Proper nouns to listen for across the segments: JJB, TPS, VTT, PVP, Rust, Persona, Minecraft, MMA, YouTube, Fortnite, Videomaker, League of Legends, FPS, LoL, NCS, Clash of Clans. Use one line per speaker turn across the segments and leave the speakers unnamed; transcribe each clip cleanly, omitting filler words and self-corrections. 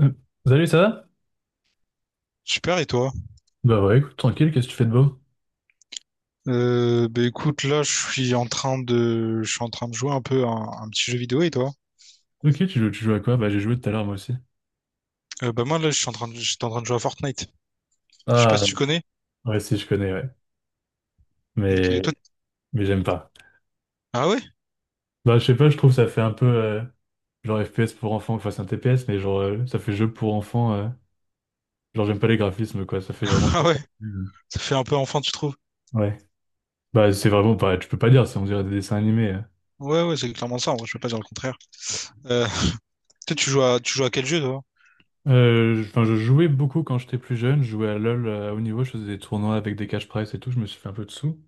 Euh, Salut, ça va?
Super, et toi?
Bah ouais, écoute, tranquille, qu'est-ce que tu fais de beau?
Écoute, là, je suis en train de, je suis en train de jouer un peu à un petit jeu vidéo, et toi?
Ok, tu joues à quoi? Bah j'ai joué tout à l'heure moi aussi.
Bah moi, là, je suis en train de, j'étais en train de jouer à Fortnite. Je sais pas si
Ah.
tu connais.
Ouais, si, je connais, ouais.
Ok,
Mais,
toi...
mais j'aime pas.
Ah ouais?
Bah je sais pas, je trouve ça fait un peu genre FPS pour enfants, enfin c'est un TPS, mais genre ça fait jeu pour enfants, genre j'aime pas les graphismes quoi, ça fait vraiment.
Ah
Pas
ouais?
pour- Mm.
Ça fait un peu enfant, tu trouves?
Ouais. Bah c'est vraiment pas, tu peux pas dire, c'est on dirait des dessins animés, hein.
Ouais, ouais, c'est clairement ça, en vrai, je peux pas dire le contraire. Euh, Toi, tu joues à quel jeu, toi?
Enfin, je jouais beaucoup quand j'étais plus jeune, je jouais à LoL à haut niveau, je faisais des tournois avec des cash prize et tout, je me suis fait un peu de sous.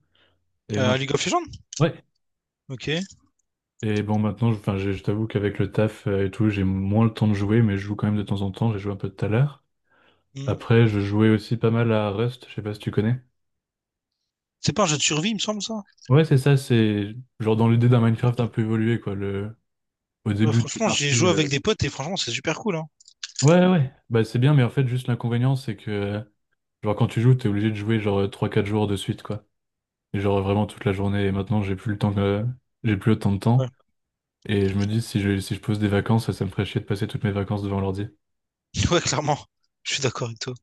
Et
À
maintenant.
League of Legends?
Ouais,
Ok.
et bon, maintenant, enfin, je t'avoue qu'avec le taf et tout, j'ai moins le temps de jouer, mais je joue quand même de temps en temps. J'ai joué un peu tout à l'heure.
Hmm.
Après, je jouais aussi pas mal à Rust, je sais pas si tu connais.
C'est pas un jeu de survie, il me semble, ça?
Ouais, c'est ça, c'est genre dans l'idée d'un Minecraft un peu évolué, quoi. Le. Au
Ouais,
début, t'es
franchement, j'ai
parti,
joué avec des potes, et franchement, c'est super cool, hein.
ouais, ouais, ouais, bah c'est bien, mais en fait, juste l'inconvénient, c'est que, genre, quand tu joues, t'es obligé de jouer genre 3, 4 jours de suite, quoi. Et genre vraiment toute la journée. Et maintenant, j'ai plus le temps que. J'ai plus autant de
Ouais.
temps. Et je me dis, si je pose des vacances, ça me ferait chier de passer toutes mes vacances devant l'ordi.
Ouais, clairement. Je suis d'accord avec toi.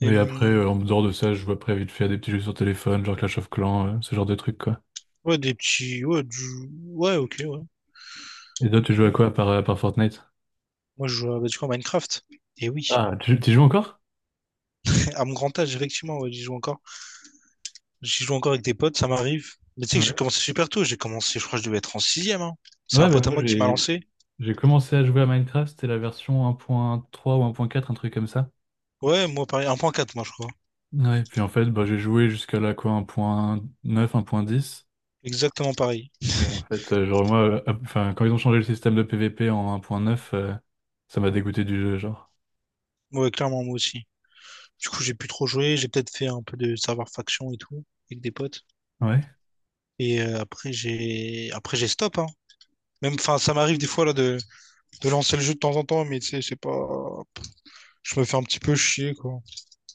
Et,
Mais après, en dehors de ça, je joue après vite fait des petits jeux sur téléphone, genre Clash of Clans, ce genre de trucs, quoi.
ouais, des petits... Ouais, ouais, ok, ouais.
Et toi, tu joues à
Ok.
quoi à part Fortnite?
Moi, bah, du coup, à Minecraft. Et oui.
Ah, tu y joues encore?
À mon grand âge, effectivement, ouais, j'y joue encore. J'y joue encore avec des potes, ça m'arrive. Mais tu sais que j'ai
Ouais.
commencé super tôt. J'ai commencé, je crois que je devais être en sixième, hein. C'est un
Ouais, bah
pote à
moi,
moi qui m'a lancé.
j'ai commencé à jouer à Minecraft, c'était la version 1.3 ou 1.4, un truc comme ça.
Ouais, moi, pareil. Un point quatre moi, je crois.
Ouais, puis en fait, bah, j'ai joué jusqu'à la quoi, 1.9, 1.10.
Exactement pareil.
Mais en fait, genre, moi, enfin, quand ils ont changé le système de PVP en 1.9, ça m'a dégoûté du jeu, genre.
Ouais, clairement, moi aussi. Du coup, j'ai plus trop joué. J'ai peut-être fait un peu de serveur faction et tout, avec des potes.
Ouais.
Après, après, j'ai stop, hein. Même, enfin, ça m'arrive des fois, là, de lancer le jeu de temps en temps, mais tu sais, c'est pas, je me fais un petit peu chier, quoi. En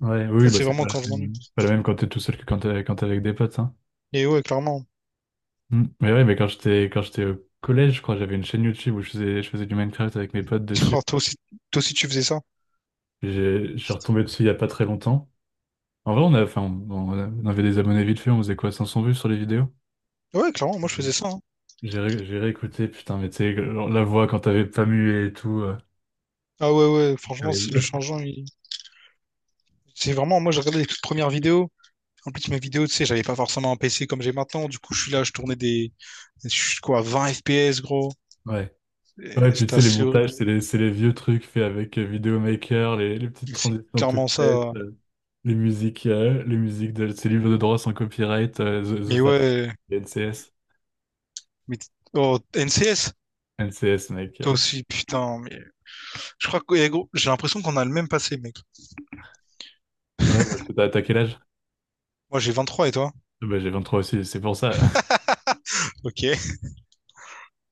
Ouais, oui,
fait,
bah,
c'est
c'est
vraiment
pas la
quand je m'ennuie.
même, c'est pas la même quand t'es tout seul que quand t'es avec des potes, hein.
Et ouais, clairement.
Mm. Mais ouais, mais quand j'étais au collège, je crois, j'avais une chaîne YouTube où je faisais du Minecraft avec mes potes dessus.
Oh, toi aussi, tu faisais ça?
J'ai, je suis retombé dessus il y a pas très longtemps. En vrai, on a, enfin, on avait des abonnés vite fait, on faisait quoi, 500 vues sur les vidéos?
Ouais, clairement, moi je faisais ça. Hein.
J'ai réécouté, putain, mais tu sais, genre, la voix quand t'avais pas mué et tout,
Ah ouais, ouais, franchement, c'est
terrible.
le changeant. Il- C'est vraiment, moi j'ai regardé les toutes premières vidéos. En plus, mes vidéos, tu sais, j'avais pas forcément un PC comme j'ai maintenant. Du coup, je suis là, je tournais des. Je suis quoi, 20 FPS, gros.
Ouais. Ouais,
Et
puis tu
c'était
sais, les
assez horrible.
montages, c'est les vieux trucs faits avec Videomaker, les petites
Mais c'est
transitions toutes
clairement
faites,
ça.
les musiques de ces livres de droit sans copyright, The
Mais
Fat Wreck,
ouais,
NCS.
mais. Oh, NCS?
NCS, mec.
Toi aussi, putain. Mais... Je crois que, gros, j'ai l'impression qu'on a le même passé, mec.
Ouais, parce que t'as quel âge?
Moi j'ai 23 et toi?
Ah bah, j'ai 23 aussi, c'est pour ça.
Ok. Et,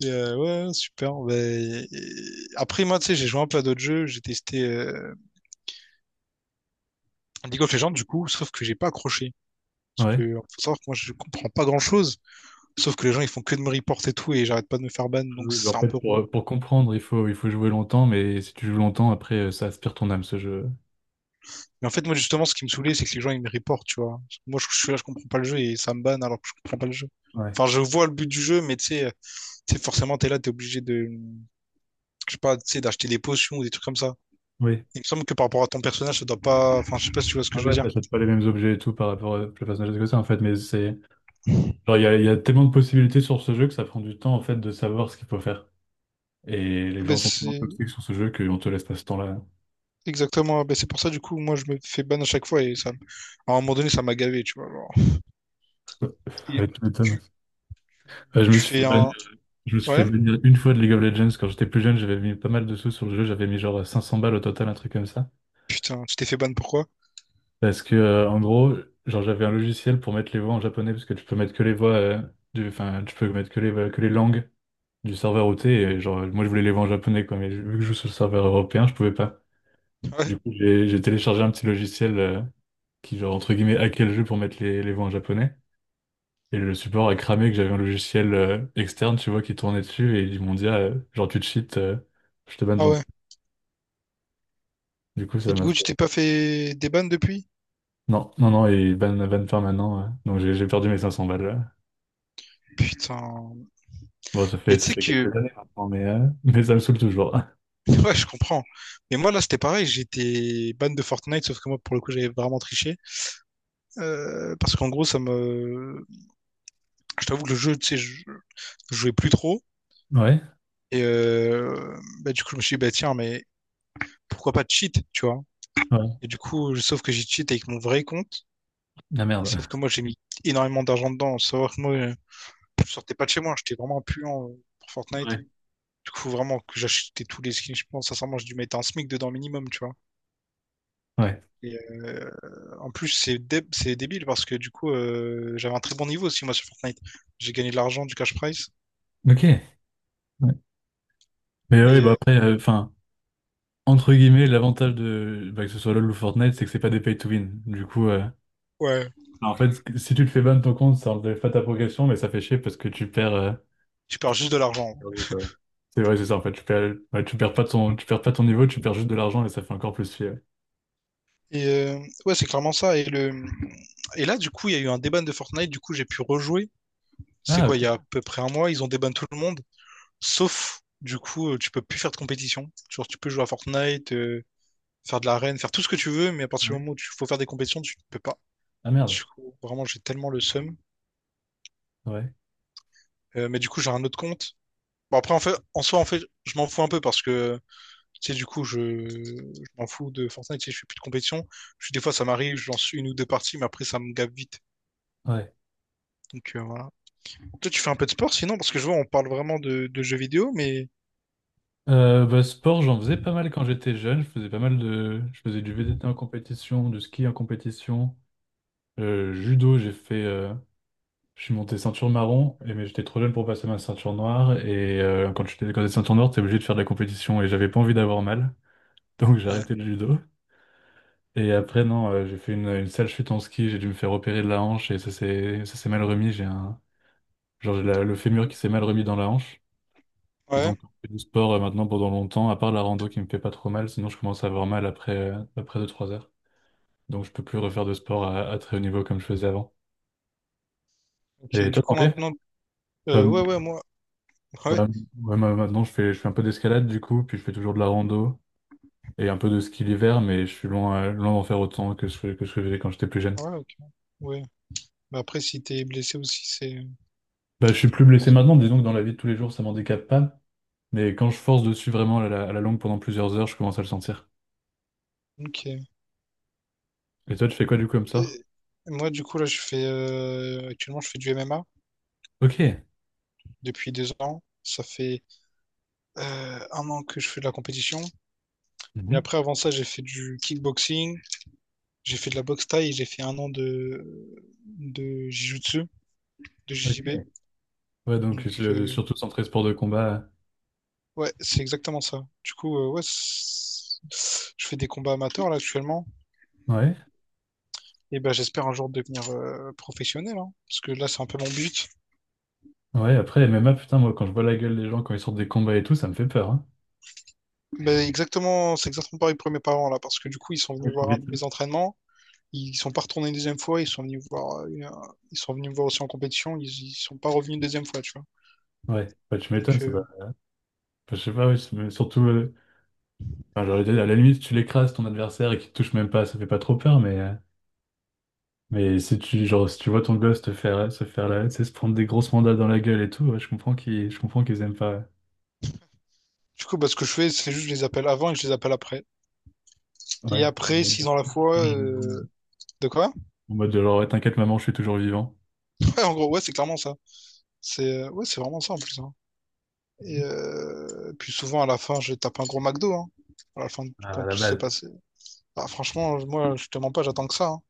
euh, ouais, super. Après, moi, tu sais, j'ai joué un peu à d'autres jeux. J'ai testé. League of Legends, du coup, sauf que j'ai pas accroché. Parce
Ouais.
que, faut savoir que moi, je comprends pas grand-chose. Sauf que les gens, ils font que de me report et tout, et j'arrête pas de me faire ban, donc
Oui, bah, en
c'est un
fait,
peu relou.
pour comprendre, il faut jouer longtemps, mais si tu joues longtemps, après, ça aspire ton âme, ce jeu.
Mais en fait, moi, justement, ce qui me saoulait, c'est que les gens, ils me reportent, tu vois. Moi, je suis là, je comprends pas le jeu, et ça me banne alors que je comprends pas le jeu.
Ouais.
Enfin, je vois le but du jeu, mais tu sais, forcément, t'es là, je sais pas, tu sais, d'acheter des potions ou des trucs comme ça.
Oui.
Il me semble que par rapport à ton personnage, ça doit pas, enfin, je sais pas si tu vois ce que
Ah
je veux
ouais,
dire.
t'achètes pas les mêmes objets et tout par rapport à Persona que ça, en fait, mais c'est. Genre, il y a tellement de possibilités sur ce jeu que ça prend du temps, en fait, de savoir ce qu'il faut faire. Et les
Ouais,
gens sont tellement toxiques sur ce jeu qu'on te laisse pas ce temps-là.
Ben c'est pour ça, du coup, moi, je me fais ban à chaque fois et ça, à un moment donné, ça m'a gavé, tu vois. Genre. Et
Ouais, tu m'étonnes.
tu,
Euh, je me
tu
suis fait
fais
bannir,
un...
je me suis fait
Ouais?
bannir une fois de League of Legends quand j'étais plus jeune, j'avais mis pas mal de sous sur le jeu, j'avais mis genre 500 balles au total, un truc comme ça.
Putain, tu t'es fait ban pourquoi?
Parce que, en gros, genre, j'avais un logiciel pour mettre les voix en japonais, parce que tu peux mettre que les voix, enfin, tu peux mettre que que les langues du serveur OT, et genre, moi, je voulais les voix en japonais, quoi, mais vu que je joue sur le serveur européen, je pouvais pas.
Ouais.
Du coup, j'ai téléchargé un petit logiciel, qui, genre, entre guillemets, hackait le jeu pour mettre les voix en japonais, et le support a cramé que j'avais un logiciel, externe, tu vois, qui tournait dessus, et ils m'ont dit, ah, genre, tu te cheats, je te banne
Ah
donc.
ouais.
Du coup, ça
Et du
m'a
coup, tu
fait,
t'es pas fait des bans depuis?
non, non, non, et ban permanent, donc j'ai perdu mes 500 balles, là.
Putain.
Bon,
Et
ça
tu sais
fait
que...
quelques années maintenant, mais ça me saoule toujours.
Ouais, je comprends. Mais moi, là, c'était pareil. J'étais ban de Fortnite, sauf que moi, pour le coup, j'avais vraiment triché. Parce qu'en gros, ça me... Je t'avoue que le jeu, tu sais, je jouais plus trop.
Ouais,
Du coup, je me suis dit, bah, tiens, mais pourquoi pas cheat, tu vois?
ouais,
Et du coup, sauf que j'ai cheat avec mon vrai compte.
la
Et
merde.
sauf que moi, j'ai mis énormément d'argent dedans. Faut savoir que moi, je sortais pas de chez moi. J'étais vraiment un puant pour Fortnite.
Ouais.
Du coup, vraiment, que j'achetais tous les skins, je pense, sincèrement, j'ai dû mettre un SMIC dedans minimum, tu vois.
Ouais,
Et euh, En plus, c'est débile parce que du coup, j'avais un très bon niveau aussi, moi, sur Fortnite. J'ai gagné de l'argent, du cash prize.
ok. Ouais. Mais oui,
Et
bah
euh,
après, enfin, entre guillemets, l'avantage de bah, que ce soit LoL ou Fortnite, c'est que c'est pas des pay to win. Du coup,
ouais,
bah, en fait, si tu te fais ban ton compte, ça enlève pas ta progression, mais ça fait chier parce que tu perds,
tu perds juste de l'argent.
perdu, quoi. C'est vrai, c'est ça, en fait, tu perds, ouais, tu perds pas ton niveau, tu perds juste de l'argent et ça fait encore plus chier, ouais.
Et euh, ouais, c'est clairement ça. Et, le... et là, du coup, il y a eu un déban de Fortnite. Du coup, j'ai pu rejouer. C'est
Ah,
quoi, il y
ok.
a à peu près un mois, ils ont déban tout le monde. Sauf, du coup, tu peux plus faire de compétition. Genre, tu peux jouer à Fortnite, faire de l'arène, faire tout ce que tu veux, mais à partir
Ouais.
du moment où il faut faire des compétitions, tu ne peux pas.
Ah
Du
merde.
coup, vraiment, j'ai tellement le seum.
Ouais,
Mais du coup, j'ai un autre compte. Bon, après, en fait, en soi, en fait, je m'en fous un peu parce que, tu sais, du coup, je m'en fous de Fortnite. Tu sais, je fais plus de compétition. Je suis, des fois, ça m'arrive, je lance une ou deux parties, mais après, ça me gave vite.
ouais.
Donc, voilà. Toi, tu fais un peu de sport sinon, parce que je vois, on parle vraiment de jeux vidéo, mais.
Bah, sport, j'en faisais pas mal quand j'étais jeune. Je faisais pas mal de, Je faisais du VTT en compétition, du ski en compétition, judo. Je suis monté ceinture marron, mais j'étais trop jeune pour passer ma ceinture noire. Et quand t'es ceinture noire, t'es obligé de faire de la compétition, et j'avais pas envie d'avoir mal, donc j'ai
Ouais.
arrêté le judo. Et après, non, j'ai fait une sale chute en ski. J'ai dû me faire opérer de la hanche, et ça s'est mal remis. J'ai un genre le fémur qui s'est mal remis dans la hanche. Et
Ouais,
donc, on fait du sport maintenant pendant longtemps, à part la rando qui me fait pas trop mal, sinon je commence à avoir mal après, après 2 3 heures. Donc, je peux plus refaire de sport à très haut niveau comme je faisais avant.
ok.
Et
Du
toi, t'en
coup,
fais?
maintenant. Ouais,
Comme-
ouais, moi.
ouais, ouais, moi, maintenant, je fais un peu d'escalade du coup, puis je fais toujours de la rando et un peu de ski l'hiver, mais je suis loin, loin d'en faire autant que ce que je faisais quand j'étais plus jeune.
Ouais, ouais, ok. Ouais. Bah après, si t'es blessé aussi, c'est.
Bah, je suis plus blessé maintenant, disons que dans la vie de tous les jours, ça m'handicape pas, mais quand je force dessus vraiment à la longue pendant plusieurs heures, je commence à le sentir.
Ok. Et
Et toi, tu fais quoi du coup comme ça?
moi, du coup, là, je fais. Actuellement, je fais du MMA
Ok.
depuis 2 ans. Ça fait 1 an que je fais de la compétition. Mais
Mhm.
après, avant ça, j'ai fait du kickboxing, j'ai fait de la boxe thaï, et j'ai fait 1 an de. De Jiu-Jitsu, de JJB.
Ok. Ouais, donc
Donc,
surtout centré sport de combat.
ouais, c'est exactement ça. Du coup, je fais des combats amateurs là actuellement.
Ouais,
Et ben, j'espère un jour devenir professionnel, hein, parce que là, c'est un peu mon but.
ouais, après MMA, putain, moi quand je vois la gueule des gens quand ils sortent des combats et tout, ça me fait peur, hein.
Mais exactement, c'est exactement pareil pour mes parents là, parce que du coup, ils sont
Ouais,
venus
tu
voir un de
m'étonnes.
mes entraînements. Ils sont pas retournés une deuxième fois. Ils sont venus voir, ils sont venus me voir aussi en compétition. Ils sont pas revenus une deuxième fois, tu vois.
Ouais, bah, tu
Donc,
m'étonnes, ça doit- enfin, je sais pas, ouais, c'est- mais surtout, enfin, j'allais dire, à la limite, si tu l'écrases ton adversaire et qu'il te touche même pas, ça fait pas trop peur, mais si tu, genre, si tu vois ton gosse te faire, se faire la, tu sais, se prendre des grosses mandats dans la gueule et tout, ouais, je comprends qu'ils aiment pas.
du coup, bah, ce que je fais, c'est juste je les appelle avant et je les appelle après.
Ouais,
Et
ouais,
après, s'ils ont la foi, de quoi?
en mode de genre, ouais, t'inquiète, maman, je suis toujours vivant.
Ouais, en gros, ouais, c'est clairement ça. C'est, ouais, c'est vraiment ça en plus. Hein. Puis souvent, à la fin, je tape un gros McDo, hein. À la fin,
Ah, à
quand
la
tout s'est
base.
passé. Bah, franchement, moi, je te mens pas, j'attends que ça, hein.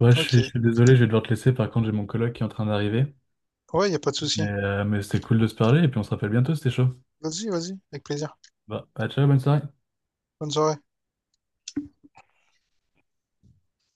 Ouais, je
Ok.
suis désolé, je vais devoir te laisser. Par contre, j'ai mon coloc qui est en train d'arriver.
Ouais, y a pas de souci.
Mais c'était cool de se parler et puis on se rappelle bientôt, c'était chaud.
Vas-y, vas-y, avec plaisir.
Bah, bah, ciao, bonne soirée.
Bonne soirée.